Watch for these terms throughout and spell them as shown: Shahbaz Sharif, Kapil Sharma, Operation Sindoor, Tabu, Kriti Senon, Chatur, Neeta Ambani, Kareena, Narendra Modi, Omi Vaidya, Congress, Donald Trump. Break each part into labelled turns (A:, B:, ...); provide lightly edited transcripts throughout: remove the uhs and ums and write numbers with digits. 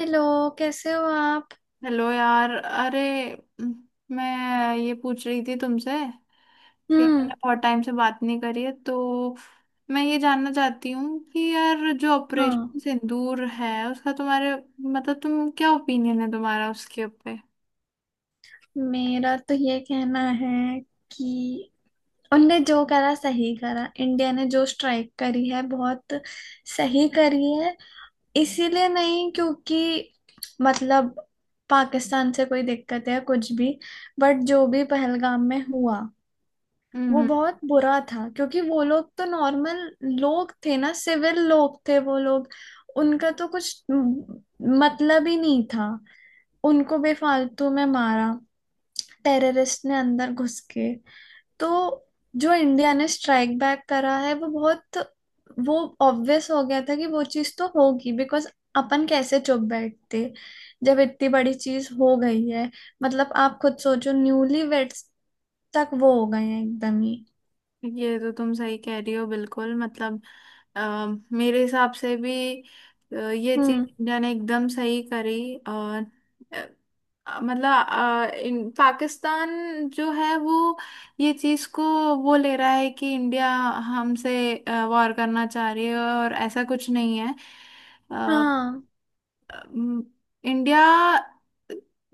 A: Hello. कैसे हो आप।
B: हेलो यार। अरे म, मैं ये पूछ रही थी तुमसे कि अपन ने
A: हम्म।
B: बहुत टाइम से बात नहीं करी है तो मैं ये जानना चाहती हूँ कि यार जो
A: हाँ,
B: ऑपरेशन सिंदूर है उसका तुम्हारे मतलब तुम क्या ओपिनियन है तुम्हारा उसके ऊपर।
A: मेरा तो ये कहना है कि उनने जो करा सही करा। इंडिया ने जो स्ट्राइक करी है बहुत सही करी है। इसीलिए नहीं क्योंकि मतलब पाकिस्तान से कोई दिक्कत है कुछ भी, बट जो भी पहलगाम में हुआ वो
B: हम्म।
A: बहुत बुरा था। क्योंकि वो लोग तो नॉर्मल लोग थे ना, सिविल लोग थे वो लोग। उनका तो कुछ मतलब ही नहीं था, उनको बेफालतू में मारा टेररिस्ट ने अंदर घुस के। तो जो इंडिया ने स्ट्राइक बैक करा है वो बहुत, वो ऑब्वियस हो गया था कि वो चीज तो होगी। बिकॉज अपन कैसे चुप बैठते जब इतनी बड़ी चीज हो गई है। मतलब आप खुद सोचो, न्यूली वेड्स तक वो हो गए हैं एकदम ही।
B: ये तो तुम सही कह रही हो बिल्कुल। मतलब अ, मेरे हिसाब से भी ये चीज
A: हम्म।
B: इंडिया ने एकदम सही करी। और अ, मतलब इन पाकिस्तान जो है वो ये चीज को वो ले रहा है कि इंडिया हमसे वॉर करना चाह रही है और ऐसा कुछ नहीं है।
A: हाँ।
B: अम, इंडिया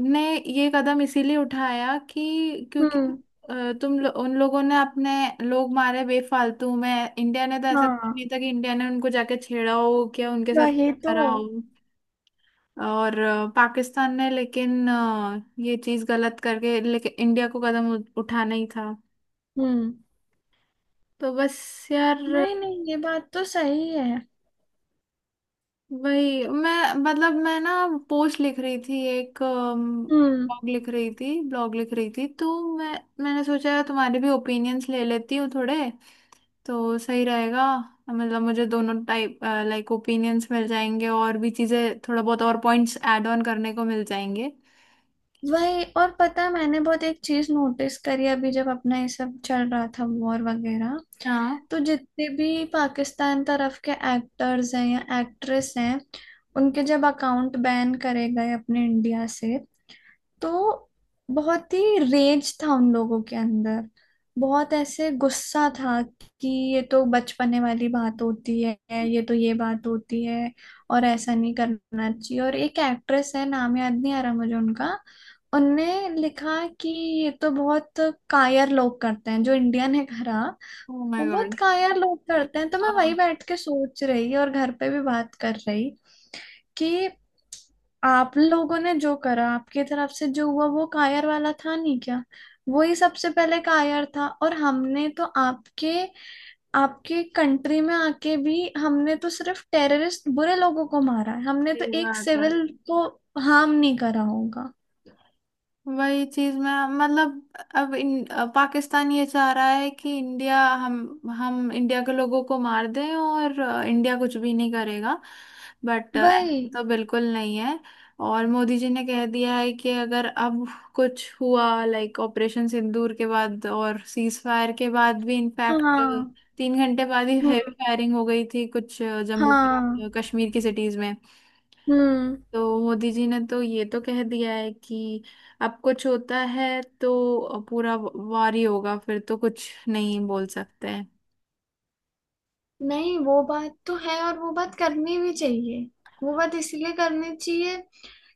B: ने ये कदम इसीलिए उठाया कि क्योंकि
A: हम्म।
B: उन लोगों ने अपने लोग मारे बेफालतू में। इंडिया ने तो ऐसा कुछ
A: हाँ,
B: नहीं था कि इंडिया ने उनको जाके छेड़ा हो क्या उनके साथ
A: वही
B: कुछ
A: तो।
B: करा हो। और पाकिस्तान ने लेकिन ये चीज गलत करके लेकिन इंडिया को कदम उठाना ही था।
A: हम्म।
B: तो बस यार।
A: नहीं नहीं, ये बात तो सही है।
B: वही मैं मतलब मैं ना पोस्ट लिख रही थी। एक
A: हम्म।
B: ब्लॉग लिख रही थी तो मैं मैंने सोचा तुम्हारे भी ओपिनियंस ले लेती हूँ थोड़े तो सही रहेगा। मतलब मुझे दोनों टाइप लाइक ओपिनियंस मिल जाएंगे और भी चीज़ें थोड़ा बहुत और पॉइंट्स ऐड ऑन करने को मिल जाएंगे।
A: वही। और पता है मैंने बहुत एक चीज नोटिस करी अभी जब अपना ये सब चल रहा था, वॉर वगैरह।
B: हाँ।
A: तो जितने भी पाकिस्तान तरफ के एक्टर्स हैं या एक्ट्रेस हैं, उनके जब अकाउंट बैन करे गए अपने इंडिया से, तो बहुत ही रेज था उन लोगों के अंदर। बहुत ऐसे गुस्सा था कि ये तो बचपने वाली बात होती है, ये तो ये बात होती है और ऐसा नहीं करना चाहिए। और एक एक्ट्रेस है, नाम याद नहीं आ रहा मुझे उनका, उनने लिखा कि ये तो बहुत कायर लोग करते हैं जो इंडियन है घरा।
B: ओ
A: वो
B: माय
A: बहुत
B: गॉड।
A: कायर लोग करते हैं। तो मैं वही
B: हाँ
A: बैठ के सोच रही और घर पे भी बात कर रही कि आप लोगों ने जो करा, आपकी तरफ से जो हुआ वो कायर वाला था नहीं क्या। वही सबसे पहले कायर था। और हमने तो आपके आपके कंट्री में आके भी हमने तो सिर्फ टेररिस्ट बुरे लोगों को मारा है, हमने तो
B: सही
A: एक
B: बात।
A: सिविल को हार्म नहीं करा होगा
B: वही चीज मैं मतलब। अब पाकिस्तान ये चाह रहा है कि इंडिया हम इंडिया के लोगों को मार दें और इंडिया कुछ भी नहीं करेगा। बट
A: भाई।
B: तो बिल्कुल नहीं है। और मोदी जी ने कह दिया है कि अगर अब कुछ हुआ लाइक ऑपरेशन सिंदूर के बाद और सीज फायर के बाद भी इनफैक्ट
A: हाँ।
B: 3 घंटे बाद ही हेवी
A: हम्म।
B: फायरिंग हो गई थी कुछ जम्मू
A: हाँ।
B: कश्मीर की सिटीज में।
A: हम्म।
B: तो मोदी जी ने तो ये तो कह दिया है कि अब कुछ होता है तो पूरा वार ही होगा फिर तो कुछ नहीं बोल सकते हैं।
A: नहीं, वो बात तो है और वो बात करनी भी चाहिए। वो बात इसलिए करनी चाहिए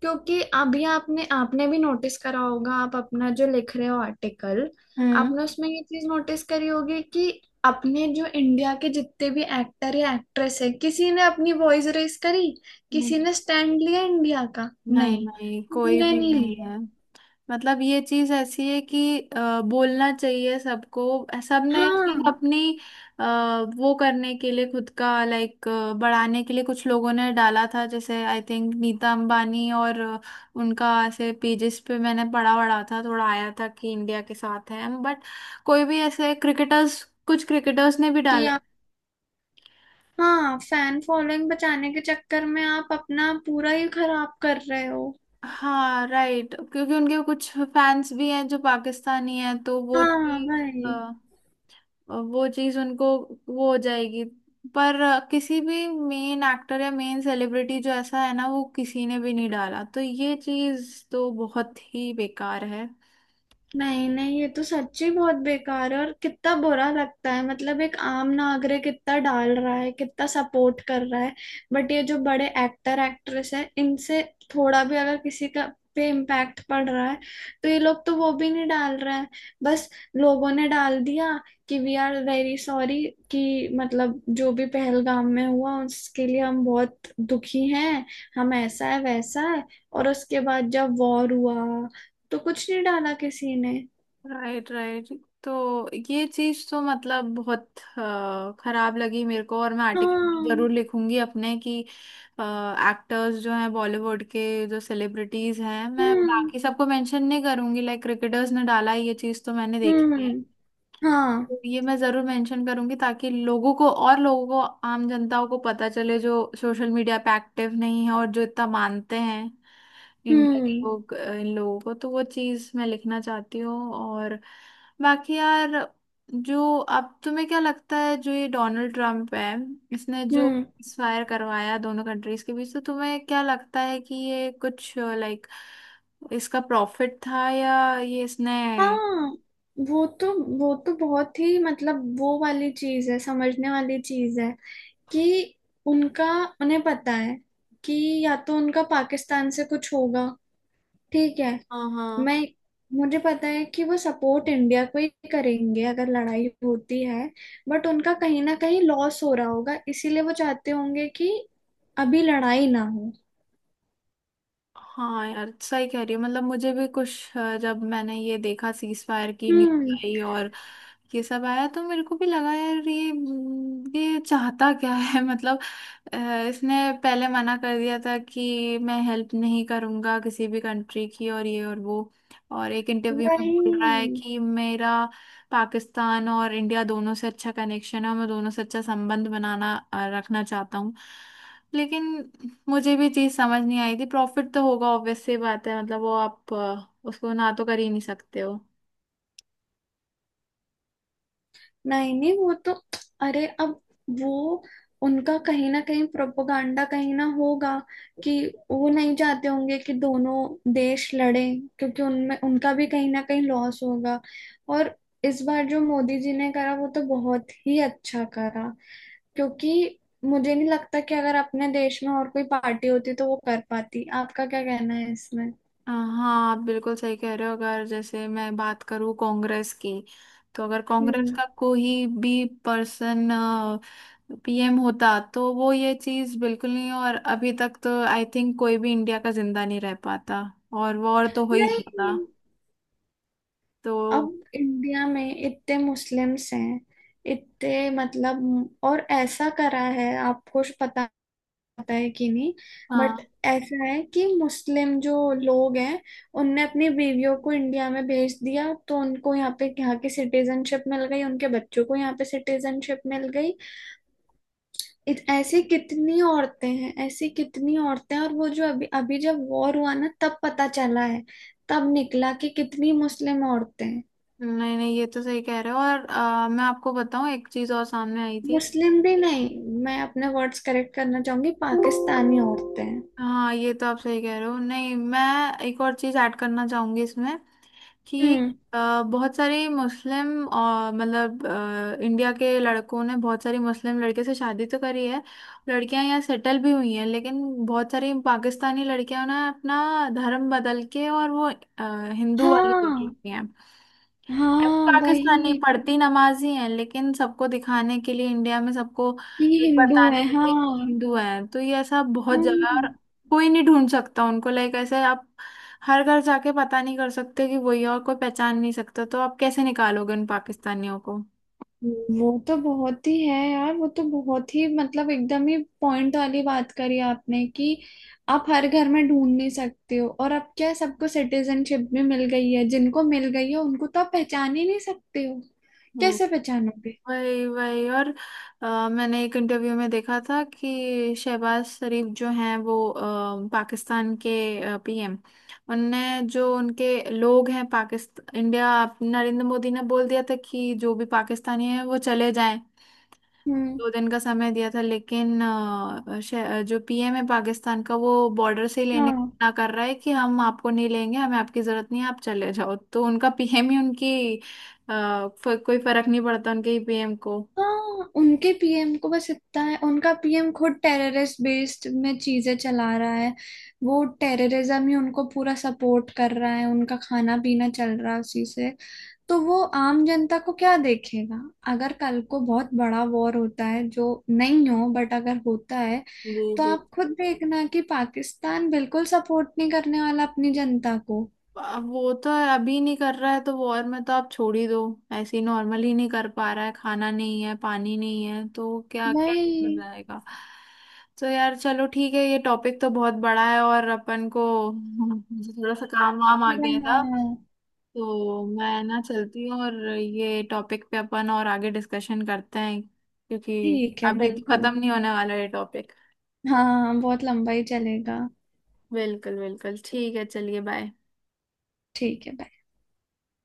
A: क्योंकि अभी आपने आपने भी नोटिस करा होगा, आप अपना जो लिख रहे हो आर्टिकल,
B: हम्म।
A: आपने उसमें ये चीज नोटिस करी होगी कि अपने जो इंडिया के जितने भी एक्टर या एक्ट्रेस है, किसी ने अपनी वॉइस रेस करी,
B: हम्म।
A: किसी ने स्टैंड लिया इंडिया का?
B: नहीं
A: नहीं,
B: नहीं
A: किसी
B: कोई
A: ने
B: भी
A: नहीं
B: नहीं
A: लिया।
B: है। मतलब ये चीज ऐसी है कि बोलना चाहिए सबको। सबने सिर्फ
A: हाँ।
B: अपनी अ, वो करने के लिए खुद का लाइक बढ़ाने के लिए कुछ लोगों ने डाला था जैसे आई थिंक नीता अंबानी और उनका ऐसे पेजेस पे मैंने पढ़ा वढ़ा था थोड़ा आया था कि इंडिया के साथ है। बट कोई भी ऐसे क्रिकेटर्स कुछ क्रिकेटर्स ने भी
A: कि
B: डाला।
A: आप हाँ, फैन फॉलोइंग बचाने के चक्कर में आप अपना पूरा ही खराब कर रहे हो।
B: हाँ राइट क्योंकि उनके कुछ फैंस भी हैं जो पाकिस्तानी हैं तो वो थी।
A: हाँ भाई।
B: वो चीज उनको वो हो जाएगी। पर किसी भी मेन एक्टर या मेन सेलिब्रिटी जो ऐसा है ना वो किसी ने भी नहीं डाला तो ये चीज तो बहुत ही बेकार है।
A: नहीं नहीं, ये तो सच्ची बहुत बेकार है। और कितना बुरा लगता है, मतलब एक आम नागरिक कितना डाल रहा है, कितना सपोर्ट कर रहा है। बट ये जो बड़े एक्टर एक्ट्रेस है इनसे थोड़ा भी अगर किसी का पे इम्पैक्ट पड़ रहा है, तो ये लोग तो वो भी नहीं डाल रहे हैं। बस लोगों ने डाल दिया कि वी आर वेरी सॉरी, कि मतलब जो भी पहलगाम में हुआ उसके लिए हम बहुत दुखी हैं, हम ऐसा है वैसा है। और उसके बाद जब वॉर हुआ तो कुछ नहीं डाला किसी ने।
B: राइट। राइट। तो ये चीज तो मतलब बहुत खराब लगी मेरे को। और मैं आर्टिकल
A: हाँ।
B: जरूर लिखूंगी अपने कि एक्टर्स जो हैं बॉलीवुड के जो सेलिब्रिटीज हैं मैं
A: हम्म।
B: बाकी सबको मेंशन नहीं करूंगी। लाइक क्रिकेटर्स ने डाला ये चीज तो मैंने देखी है।
A: हम्म। हाँ।
B: तो ये मैं जरूर मेंशन करूंगी ताकि लोगों को और लोगों को आम जनताओं को पता चले जो सोशल मीडिया पे एक्टिव नहीं है और जो इतना मानते हैं इंडिया के
A: हम्म।
B: लोग इन लोगों को। तो वो चीज़ मैं लिखना चाहती हूँ। और बाकी यार जो अब तुम्हें क्या लगता है जो ये डोनाल्ड ट्रम्प है इसने जो
A: हम्म।
B: फायर करवाया दोनों कंट्रीज के बीच तो तुम्हें क्या लगता है कि ये कुछ लाइक इसका प्रॉफिट था या ये इसने।
A: हाँ, वो तो वो तो बहुत ही, मतलब वो वाली चीज है, समझने वाली चीज है कि उनका उन्हें पता है कि या तो उनका पाकिस्तान से कुछ होगा, ठीक है।
B: हाँ हाँ।
A: मैं मुझे पता है कि वो सपोर्ट इंडिया को ही करेंगे अगर लड़ाई होती है। बट उनका कहीं ना कहीं लॉस हो रहा होगा, इसीलिए वो चाहते होंगे कि अभी लड़ाई ना हो।
B: हाँ यार सही कह रही हो। मतलब मुझे भी कुछ जब मैंने ये देखा सीज फायर की न्यूज
A: हम्म।
B: आई और ये सब आया तो मेरे को भी लगा यार ये चाहता क्या है मतलब अ, इसने पहले मना कर दिया था कि मैं हेल्प नहीं करूंगा किसी भी कंट्री की और ये और वो। और एक इंटरव्यू में
A: वही।
B: बोल रहा है कि मेरा पाकिस्तान और इंडिया दोनों से अच्छा कनेक्शन है और मैं दोनों से अच्छा संबंध बनाना रखना चाहता हूँ। लेकिन मुझे भी चीज़ समझ नहीं आई थी प्रॉफिट तो होगा ऑब्वियस सी बात है मतलब वो आप उसको ना तो कर ही नहीं सकते हो।
A: नहीं नहीं वो तो अरे अब वो उनका कहीं ना कहीं प्रोपोगंडा कहीं ना होगा कि वो नहीं चाहते होंगे कि दोनों देश लड़ें, क्योंकि उनमें उनका भी कहीं ना कहीं लॉस होगा। और इस बार जो मोदी जी ने करा वो तो बहुत ही अच्छा करा, क्योंकि मुझे नहीं लगता कि अगर अपने देश में और कोई पार्टी होती तो वो कर पाती। आपका क्या कहना है इसमें।
B: हाँ आप बिल्कुल सही कह रहे हो। अगर जैसे मैं बात करूँ कांग्रेस की तो अगर कांग्रेस
A: हम्म।
B: का कोई भी पर्सन पीएम होता तो वो ये चीज़ बिल्कुल नहीं। और अभी तक तो आई थिंक कोई भी इंडिया का जिंदा नहीं रह पाता और वॉर तो हो ही जाता
A: नहीं,
B: तो।
A: अब इंडिया में इतने मुस्लिम्स हैं, इतने, मतलब और ऐसा करा है। आपको श- पता, पता है कि नहीं, बट
B: हाँ,
A: ऐसा है कि मुस्लिम जो लोग हैं, उनने अपनी बीवियों को इंडिया में भेज दिया तो उनको यहाँ पे, यहाँ की सिटीजनशिप मिल गई, उनके बच्चों को यहाँ पे सिटीजनशिप मिल गई। इत- ऐसी कितनी औरतें हैं, ऐसी कितनी औरतें हैं। और वो जो अभी अभी जब वॉर हुआ ना तब पता चला है, तब निकला कि कितनी मुस्लिम औरतें हैं।
B: नहीं नहीं ये तो सही कह रहे हो। और मैं आपको बताऊँ एक चीज़ और सामने आई थी।
A: मुस्लिम भी नहीं, मैं अपने वर्ड्स करेक्ट करना चाहूंगी, पाकिस्तानी औरतें।
B: हाँ ये तो आप सही कह रहे हो। नहीं मैं एक और चीज़ ऐड करना चाहूंगी इसमें कि
A: हम्म।
B: बहुत सारे मुस्लिम मतलब इंडिया के लड़कों ने बहुत सारी मुस्लिम लड़के से शादी तो करी है। लड़कियां यहाँ सेटल भी हुई हैं लेकिन बहुत सारी पाकिस्तानी लड़कियां ना अपना धर्म बदल के और वो हिंदू वाली हो चुकी
A: हाँ।
B: हैं।
A: हाँ
B: पाकिस्तानी
A: वही,
B: पढ़ती नमाज ही है लेकिन सबको दिखाने के लिए इंडिया में सबको
A: ये हिंदू
B: बताने
A: है।
B: के लिए कि
A: हाँ।
B: हिंदू है तो ये ऐसा बहुत जगह है। और
A: हम्म।
B: कोई नहीं ढूंढ सकता उनको लाइक ऐसे आप हर घर जाके पता नहीं कर सकते कि वही है और कोई पहचान नहीं सकता तो आप कैसे निकालोगे उन पाकिस्तानियों को।
A: वो तो बहुत ही है यार। वो तो बहुत ही, मतलब एकदम ही पॉइंट वाली बात करी आपने कि आप हर घर में ढूंढ नहीं सकते हो। और अब क्या है, सबको सिटीजनशिप भी मिल गई है, जिनको मिल गई है उनको तो आप पहचान ही नहीं सकते हो। कैसे पहचानोगे।
B: वही वही। और मैंने एक इंटरव्यू में देखा था कि शहबाज शरीफ जो हैं वो पाकिस्तान के पीएम। उनने जो उनके लोग हैं पाकिस्तान इंडिया नरेंद्र मोदी ने बोल दिया था कि जो भी पाकिस्तानी हैं वो चले जाएं।
A: हम्म।
B: 2 दिन का समय दिया था लेकिन जो पीएम है पाकिस्तान का वो बॉर्डर से ही लेने को
A: हाँ।
B: मना कर रहा है कि हम आपको नहीं लेंगे हमें आपकी जरूरत नहीं है आप चले जाओ। तो उनका पीएम ही उनकी कोई फर्क नहीं पड़ता उनके ही पीएम को।
A: हाँ, उनके पीएम को बस इतना है, उनका पीएम खुद टेररिस्ट बेस्ड में चीजें चला रहा है। वो टेररिज्म ही उनको पूरा सपोर्ट कर रहा है, उनका खाना पीना चल रहा है उसी से। तो वो आम जनता को क्या देखेगा। अगर कल को बहुत बड़ा वॉर होता है, जो नहीं हो, बट अगर होता है,
B: जी
A: तो
B: जी।
A: आप खुद देखना कि पाकिस्तान बिल्कुल सपोर्ट नहीं करने वाला अपनी जनता को।
B: अब वो तो है, अभी नहीं कर रहा है तो वॉर में तो आप छोड़ ही दो। ऐसे ही नॉर्मली नहीं कर पा रहा है खाना नहीं है पानी नहीं है तो क्या क्या हो
A: वही।
B: जाएगा। तो यार चलो ठीक है। ये टॉपिक तो बहुत बड़ा है और अपन को मुझे थोड़ा सा काम वाम आ
A: पूरा
B: गया था
A: हाँ।
B: तो मैं ना चलती हूँ। और ये टॉपिक पे अपन और आगे डिस्कशन करते हैं क्योंकि
A: ठीक है,
B: अभी तो
A: बिल्कुल।
B: खत्म नहीं होने वाला ये टॉपिक।
A: हाँ हाँ, बहुत लंबा ही चलेगा।
B: बिल्कुल बिल्कुल ठीक है चलिए बाय।
A: ठीक है bye।